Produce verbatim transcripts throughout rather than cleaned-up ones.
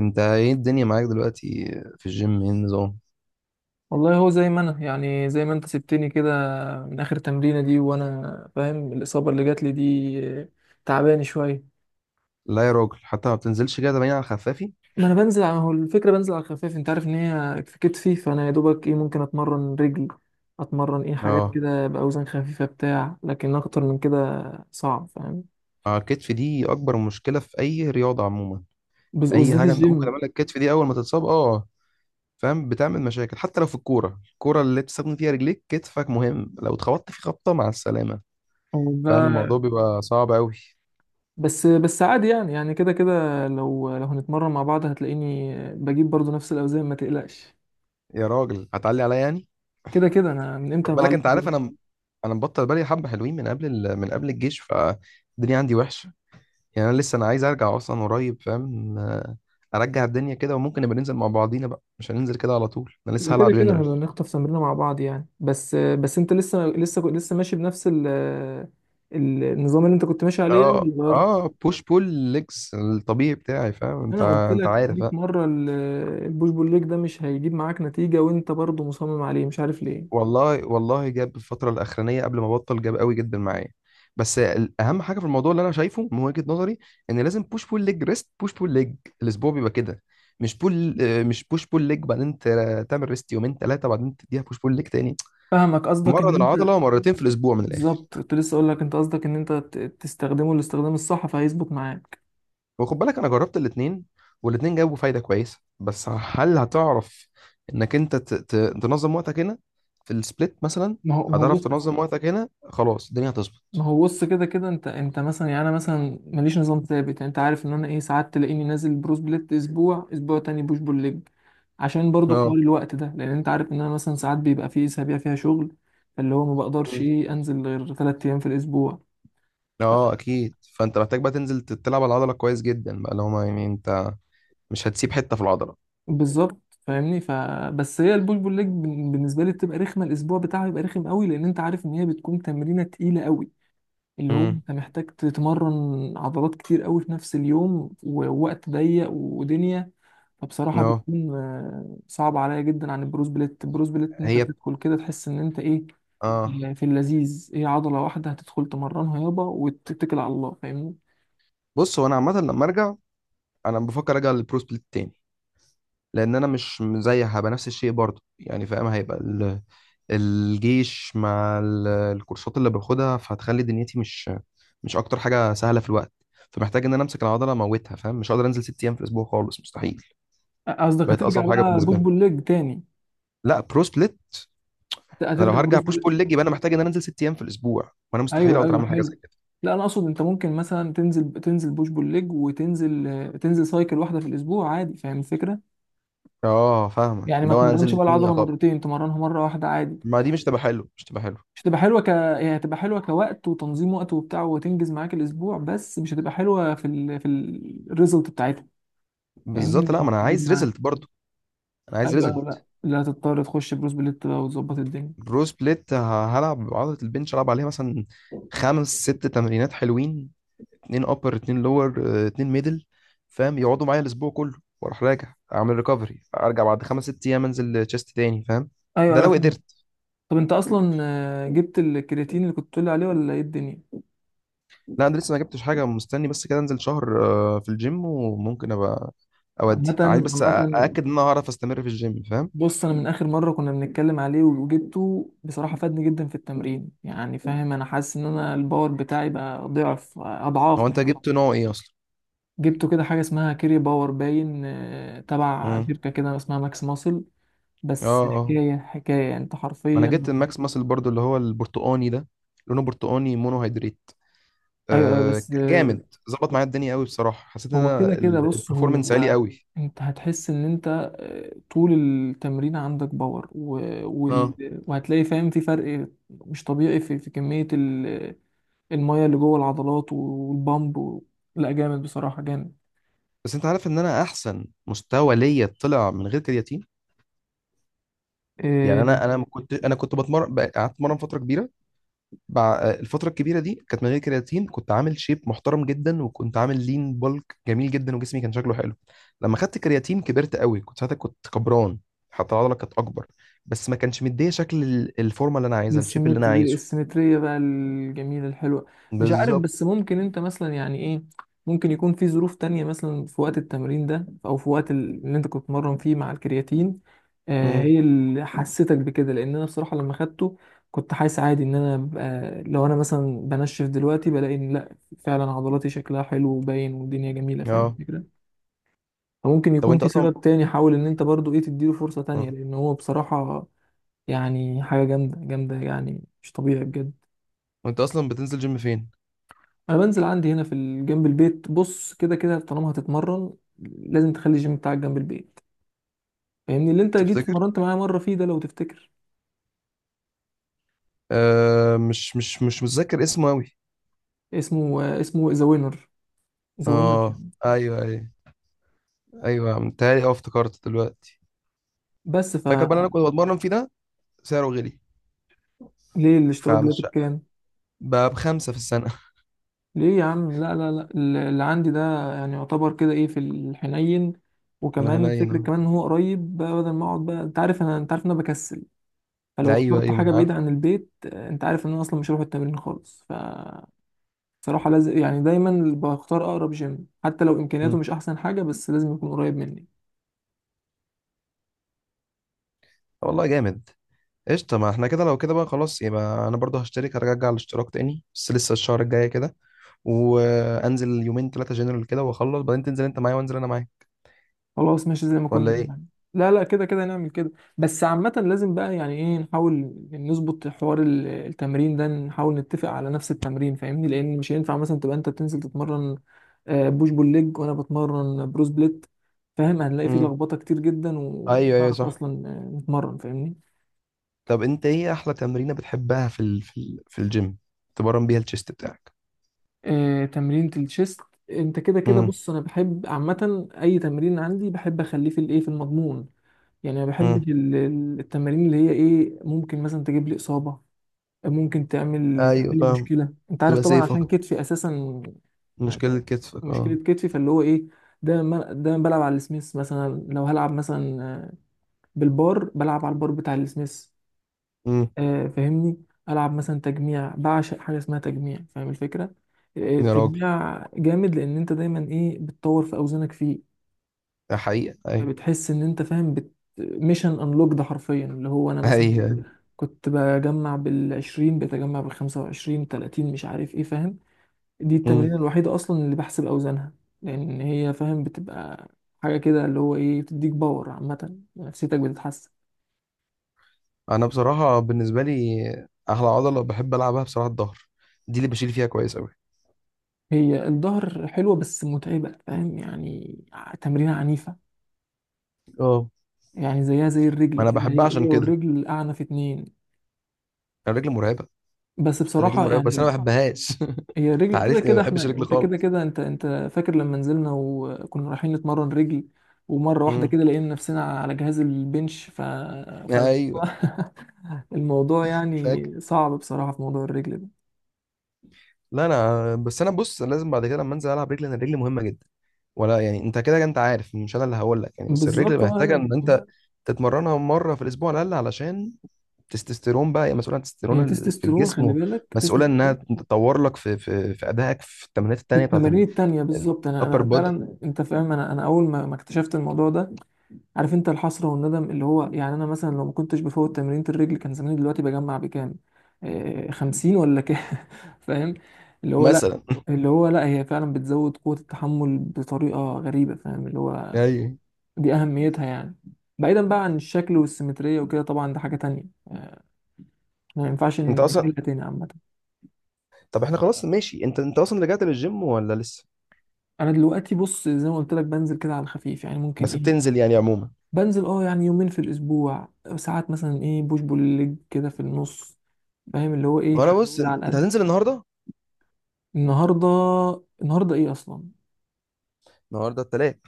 انت ايه الدنيا معاك دلوقتي؟ في الجيم ايه النظام؟ والله هو زي ما انا يعني زي ما انت سبتني كده. من اخر تمرينه دي وانا فاهم الاصابه اللي جات لي دي، آه، تعباني شويه. لا يا راجل، حتى ما بتنزلش كده، باين على خفافي. ما انا بنزل على، هو الفكره بنزل على الخفيف، انت عارف ان هي في كتفي، فانا يا دوبك ايه ممكن اتمرن رجل، اتمرن ايه اه، حاجات مم. كده باوزان خفيفه بتاع، لكن اكتر من كده صعب فاهم. اه، الكتف دي اكبر مشكله في اي رياضه عموما. بز- اي وبالذات حاجه انت ممكن الجيم. تعملها، الكتف دي اول ما تتصاب اه فاهم بتعمل مشاكل. حتى لو في الكوره، الكوره اللي بتستخدم فيها رجليك كتفك مهم. لو اتخبطت في خبطه مع السلامه، هو فاهم الموضوع ده. بيبقى صعب قوي. بس بس عادي، يعني يعني كده كده، لو لو هنتمرن مع بعض هتلاقيني بجيب برضو نفس الاوزان ما تقلقش. يا راجل هتعلي عليا يعني. كده كده انا من امتى خد بالك بعلم. انت عارف انا انا مبطل بالي حبه حلوين من قبل ال... من قبل الجيش، فالدنيا عندي وحشه. يعني انا لسه انا عايز ارجع اصلا قريب فاهم، آه، ارجع الدنيا كده. وممكن نبقى ننزل مع بعضينا بقى، مش هننزل كده على طول، انا لسه هلعب كده كده جنرال. هنخطف تمرينه مع بعض يعني، بس بس انت لسه لسه لسه ماشي بنفس ال ال- النظام اللي انت كنت ماشي عليه يعني، اه اللي غيرته. اه بوش بول ليجز الطبيعي بتاعي فاهم، انت انا قلت انت لك عارف مية آه. مره ال- البوش بول ليج ده مش هيجيب معاك نتيجه، وانت برضه مصمم عليه مش عارف ليه. والله والله جاب الفتره الاخرانيه قبل ما بطل، جاب قوي جدا معايا. بس ال- اهم حاجه في الموضوع اللي انا شايفه من وجهه نظري، ان لازم بوش بول ليج، ريست، بوش بول ليج. الاسبوع بيبقى كده، مش بول آه، مش بوش بول ليج بعدين ت- تعمل ريست يومين ثلاثه، بعدين تديها بوش بول ليج تاني، فاهمك، قصدك مره من ان انت. العضله، مرتين في الاسبوع من الاخر. بالظبط، كنت لسه اقول لك، انت قصدك ان انت ت- تستخدمه الاستخدام الصح فهيظبط معاك. وخد بالك انا جربت الاتنين، والاتنين جابوا فايده كويسه، بس هل هتعرف انك انت ت- ت- تنظم وقتك هنا في السبليت مثلا؟ ما هو ما هو هتعرف بص. تنظم وقتك هنا، خلاص الدنيا ما هتظبط. هو بص، كده كده انت انت مثلا، يعني انا مثلا ماليش نظام ثابت، يعني انت عارف ان انا ايه، ساعات تلاقيني نازل بروس بليت، اسبوع اسبوع تاني بوش بول ليج. عشان برضو اه، حوار الوقت ده، لان انت عارف ان انا مثلا ساعات بيبقى في اسابيع فيها شغل، فاللي هو ما بقدرش مم. ايه انزل غير ثلاث ايام في الاسبوع. اه اكيد، فانت محتاج بقى تنزل ت- تلعب على العضله كويس جدا بقى، لو ما يعني انت مش هتسيب حته في العضله. بالظبط فاهمني، فبس هي البوش بول ليج بن- بالنسبه لي بتبقى رخمه، الاسبوع بتاعها بيبقى رخم قوي لان انت عارف ان هي بتكون تمرينه تقيله قوي، اللي هو امم انت محتاج تتمرن عضلات كتير قوي في نفس اليوم، ووقت ضيق ودنيا. فبصراحة اه. بتكون، آه، صعبة عليا جدا عن البروز بليت، البروز بليت انت هي. بتدخل كده تحس ان انت ايه، اه. آه، في اللذيذ ايه، عضلة واحدة هتدخل تمرنها يابا وتتكل على الله فاهمني. بص، هو انا عامه لما ارجع، انا بفكر ارجع للبرو سبليت تاني. لان انا مش زي، هبقى نفس الشيء برضه يعني فاهم. هيبقى الجيش مع ال- الكورسات اللي باخدها، فهتخلي دنيتي مش مش اكتر حاجه سهله في الوقت. فمحتاج ان انا امسك العضله اموتها فاهم، مش هقدر انزل ست ايام في الاسبوع خالص، مستحيل. قصدك بقت هترجع اصعب حاجه بقى بوش بالنسبه لي. بول ليج تاني؟ لا، برو سبليت. هت- انا لو هترجع هرجع بروز بوش بليت؟ بول ليج، يبقى انا محتاج ان انا انزل ست ايام في الاسبوع، وانا مستحيل ايوه اقدر ايوه اعمل حاجه زي حلو. كده. لا انا اقصد، انت ممكن مثلا تنزل تنزل بوش بول ليج، وتنزل، آه، تنزل سايكل واحدة في الاسبوع عادي، فاهم الفكرة؟ اه فاهمك، يعني ما اللي هو انا انزل تمرنش بقى الاثنين، يا العضلة طب مرتين، تمرنها مرة واحدة عادي. ما دي مش تبقى حلو، مش تبقى حلو. مش هتبقى حلوه ك هي هتبقى حلوه كوقت، وتنظيم وقت وبتاع، وتنجز معاك الاسبوع، بس مش هتبقى حلوه في ال... في الريزلت بتاعتها، فاهمني بالظبط، مش لا ما انا هتجيب عايز معاك. ريزلت برضو، انا عايز ايوه أيوة، لا ريزلت. لا هتضطر تخش بروس بليت بقى وتظبط الدنيا. برو سبليت ه- هلعب عضله البنش العب عليها مثلا خمس ست تمرينات حلوين، اتنين ابر، اتنين لور، اتنين ميدل فاهم، يقعدوا معايا الاسبوع كله، واروح راجع اعمل ريكفري، ارجع بعد خمس ست ايام انزل تشيست تاني فاهم. ايوه ده ايوه لو فاهم. قدرت. طب انت اصلا، آه، جبت الكرياتين اللي كنت بتقول لي عليه ولا ايه الدنيا؟ لا انا لسه ما جبتش حاجه، مستني بس كده انزل شهر آه، في الجيم، وممكن ابقى عامه، اودي عايز بس أ- عامه، ااكد ان انا هعرف استمر في الجيم فاهم. بص انا من اخر مره كنا بنتكلم عليه وجبته، بصراحه فادني جدا في التمرين، يعني فاهم انا حاسس ان انا الباور بتاعي بقى ضعف هو اضعاف مش انت ضعف. جبت نوع ايه اصلا؟ جبته كده حاجة اسمها كيري باور باين، آه، تبع امم شركة كده اسمها ماكس ماسل. اه. بس اه، حكاية حكاية يعني، انت انا حرفيا. جبت الماكس ماسل برضو اللي هو البرتقاني ده، لونه برتقاني، مونو هيدريت. ايوه ايوه آه، بس ك- آه، جامد، ظبط معايا الدنيا قوي بصراحه، حسيت ان هو كده انا كده بص البرفورمانس عالي هو. قوي. انت هتحس ان انت، آه، طول التمرين عندك باور و. اه، وال. وهتلاقي فاهم في فرق مش طبيعي في, في كمية ال. المية اللي جوه العضلات والبامب و. لا جامد بصراحة جامد. بس انت عارف ان انا احسن مستوى ليا طلع من غير كرياتين. يعني آه، انا انا ما كنت، انا كنت بتمرن بقى- قعدت اتمرن فتره كبيره. بع... الفتره الكبيره دي كانت من غير كرياتين، كنت عامل شيب محترم جدا، وكنت عامل لين بولك جميل جدا، وجسمي كان شكله حلو. لما خدت كرياتين كبرت قوي، كنت ساعتها كنت كبران، حتى العضله كانت اكبر، بس ما كانش مديه شكل ال- الفورمه اللي انا عايزها، الشيب اللي انا السيمتري عايزه. السيمترية بقى الجميلة الحلوة. مش عارف، بالظبط. بس ممكن انت مثلا يعني ايه، ممكن يكون في ظروف تانية مثلا في وقت التمرين ده، او في وقت ال- اللي انت كنت بتتمرن فيه مع الكرياتين. آه امم هي اللي حسيتك بكده، لان انا بصراحة لما خدته كنت حاسس عادي ان انا ببقى، لو انا مثلا بنشف دلوقتي بلاقي ان لا، فعلا عضلاتي شكلها حلو وباين والدنيا جميلة فاهم اه. الفكرة. فممكن طب يكون وانت في اصلا، سبب تاني، حاول ان انت برضو ايه تديله فرصة تانية، اه، لان هو بصراحة، يعني حاجة جامدة جامدة، يعني مش طبيعي بجد. وانت اصلا بتنزل جيم فين؟ أنا بنزل عندي هنا في ال- جنب البيت، بص كده كده طالما هتتمرن لازم تخلي الجيم بتاعك جنب البيت، فاهمني اللي أنت جيت تفتكر. اتمرنت معايا مرة فيه ده لو تفتكر. آه، مش مش مش متذكر اسمه قوي. اسمه آه، اسمه ذا وينر، ذا وينر اه جيم. ايوه ايوه. ايوه متهيألي، اه افتكرت دلوقتي. بس ف فاكر بقى اللي انا كنت بتمرن فيه ده، سعره غلي، ليه الاشتراك دلوقتي فمش بكام؟ بقى بخمسة في السنة. ليه يا عم، لا لا لا ال- اللي عندي ده يعني يعتبر كده ايه في الحنين، انا وكمان هنا الفكرة هنا. كمان ان هو قريب بقى، بدل ما اقعد بقى، انت عارف انا، انت عارف ان انا بكسل، فلو ايوه اخترت ايوه، ما حاجة انا عارف. بعيدة عن البيت، آه، انت عارف ان انا اصلا مش هروح التمرين خالص فصراحة. لازم يعني دايما بختار اقرب جيم، حتى لو امكانياته مم. مش احسن حاجة، بس لازم يكون قريب مني. طب والله جامد، قشطة. ما احنا كده، لو كده بقى خلاص، يبقى انا برضه هشترك، هرجع الاشتراك تاني، بس لسه الشهر الجاي كده، وانزل يومين ثلاثة جنرال كده واخلص، بعدين تنزل انت معايا وانزل انا معاك، خلاص ماشي زي ما كنا ولا ايه؟ بنعمل. لا لا كده كده نعمل كده. بس عامة لازم بقى يعني ايه نحاول نظبط حوار ال- التمرين ده، نحاول نتفق على نفس التمرين فاهمني، لان مش هينفع مثلا تبقى انت بتنزل تتمرن، آه، بوش بول ليج وانا بتمرن بروس بليت، فاهم هنلاقي فيه امم لخبطة كتير جدا، ومش ايوه ايوه هنعرف صح. اصلا آه، نتمرن فاهمني. طب انت ايه احلى تمرينة بتحبها في ال... في ال... في الجيم، تمرن بيها الشيست بتاعك؟ آه، تمرينة الشيست. انت كده كده امم بص، انا بحب عامة اي تمرين عندي بحب اخليه في الايه في المضمون، يعني ما بحبش ال- ال- التمارين اللي هي ايه ممكن مثلا تجيب لي اصابة، ممكن تعمل ايوه تعمل لي فاهم. مشكلة، انت عارف تبقى طبعا سيف عشان اكتر، كتفي اساسا. مشكلة يعني كتفك، اه. مشكلة كتفي، فاللي هو ايه، ده دايما دايما بلعب على السميث مثلا، لو هلعب مثلا آه، بالبار، بلعب على البار بتاع السميث. امم آه، فاهمني، العب مثلا تجميع، بعشق حاجه اسمها تجميع فاهم الفكره. آه، يا راجل، التجميع جامد، لان انت دايما ايه بتطور في اوزانك فيه، ده حقيقة اي، فبتحس ان انت فاهم بت. ميشن انلوك ده حرفيا، اللي هو انا مثلا اي. كنت بجمع بالعشرين بتجمع بالخمسة وعشرين تلاتين مش عارف ايه فاهم، دي امم التمرين الوحيده اصلا اللي بحسب اوزانها، لان هي فاهم بتبقى حاجه كده، اللي هو ايه بتديك باور عامه، نفسيتك بتتحسن. انا بصراحة بالنسبة لي احلى عضلة بحب العبها بصراحة الظهر، دي اللي بشيل فيها كويس قوي. هي الظهر حلوة بس متعبة فاهم يعني، ع- تمرينة عنيفة، اه. يعني زيها زي الرجل انا كده، بحبها هي عشان هي كده، والرجل أعنف اتنين. انا رجلي مرعبة. بس رجلي بصراحة مرعبة بس انا يعني. ما بحبهاش. هي انت الرجل كده عارفني ما كده احنا، بحبش رجلي انت كده خالص. كده انت انت. فاكر لما نزلنا وكنا رايحين نتمرن رجل، ومرة واحدة امم كده لقينا نفسنا على جهاز البنش ف. فالموضوع ايوه الموضوع فاكر. يعني صعب بصراحة في موضوع الرجل ده. لا انا بس، انا بص، انا لازم بعد كده لما انزل العب رجلي، انا رجلي مهمة جدا. ولا يعني انت كده كده انت عارف، مش انا اللي هقول لك يعني، بس الرجل بالظبط اه محتاجه ان لا. انت تتمرنها مره في الاسبوع على الاقل، علشان التستوستيرون بقى، هي مسؤوله عن التستوستيرون هي ال- في تستوستيرون، خلي الجسم، بالك مسؤوله انها تستوستيرون. تطور لك في في في ادائك في التمرينات في التانيه بتاعت التمارين التانية بالظبط، انا الابر انا بودي فعلا انت فاهم، انا انا اول ما ما اكتشفت الموضوع ده. عارف انت الحسرة والندم، اللي هو يعني انا مثلا لو ما كنتش بفوت تمرينة الرجل، كان زماني دلوقتي بجمع بكام، آه خمسين ولا كام فاهم، اللي هو لا. مثلا. اللي هو لا، هي فعلا بتزود قوة التحمل بطريقة غريبة فاهم، اللي هو ايوه. دي أهميتها يعني. بعيدا بقى عن الشكل والسيمترية وكده طبعا ده حاجة تانية، آه، ما ينفعش انت اصلا، نجيلها تاني عامة. طب احنا خلاص ماشي، انت انت اصلا رجعت للجيم ولا لسه؟ أنا دلوقتي بص زي ما قلت لك بنزل كده على الخفيف، يعني ممكن بس إيه، بتنزل يعني عموما. بنزل اه يعني يومين في الاسبوع، ساعات مثلا ايه بوش بول ليج كده في النص، فاهم اللي هو ايه وانا حاجات بص، كده انت على قد. هتنزل النهارده؟ النهارده. النهارده ايه اصلا؟ النهارده التلات.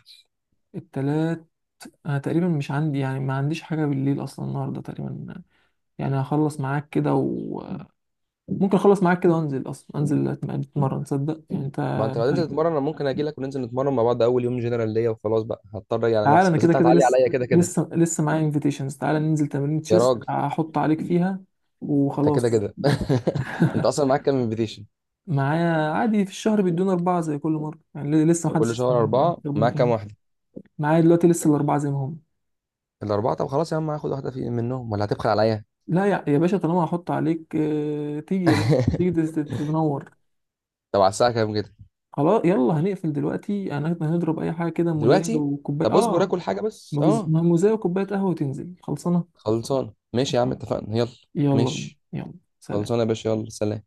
التلات. انا تقريبا مش عندي يعني ما عنديش حاجه بالليل اصلا النهارده تقريبا، يعني هخلص معاك كده وممكن اخلص معاك كده وانزل، اصلا انزل أتم- اتمرن، تصدق يعني انت. ما انت لو هتنزل تتمرن انا ممكن اجي لك، وننزل نتمرن مع بعض، اول يوم جنرال ليا وخلاص، بقى هضطر اجي على تعال نفسي، انا بس كده انت كده هتعلي لسه عليا كده كده لسه لسه معايا انفيتيشنز، تعال ننزل تمرين يا تشيست راجل. هحط عليك فيها انت كده وخلاص. كده. انت اصلا معاك كام انفيتيشن؟ معايا عادي في الشهر بيدونا أربعة زي كل مرة يعني، ل- لسه طب محدش كل شهر اربعه. معاك كام استخدمتهم. واحده؟ معايا دلوقتي لسه الأربعة زي ما هم. الاربعه؟ طب خلاص يا عم، هاخد واحده في منهم ولا هتبخل عليا؟ لا يا يا باشا، طالما هحط عليك آه، تيجي يا باشا، تيجي تست- تتنور. طب على الساعه كام كده؟ خلاص يلا هنقفل دلوقتي، أنا هنضرب أي حاجة كده موزاية دلوقتي؟ وكوباية طب اصبر آه. اكل حاجه بس ما بز- اه. ما موزاية وكوباية قهوة، وتنزل خلصانة. خلصان، ماشي يا عم اتفقنا، يلا. يلا بينا. ماشي، يلا خلصانه سلام. يا باشا، يلا، سلام.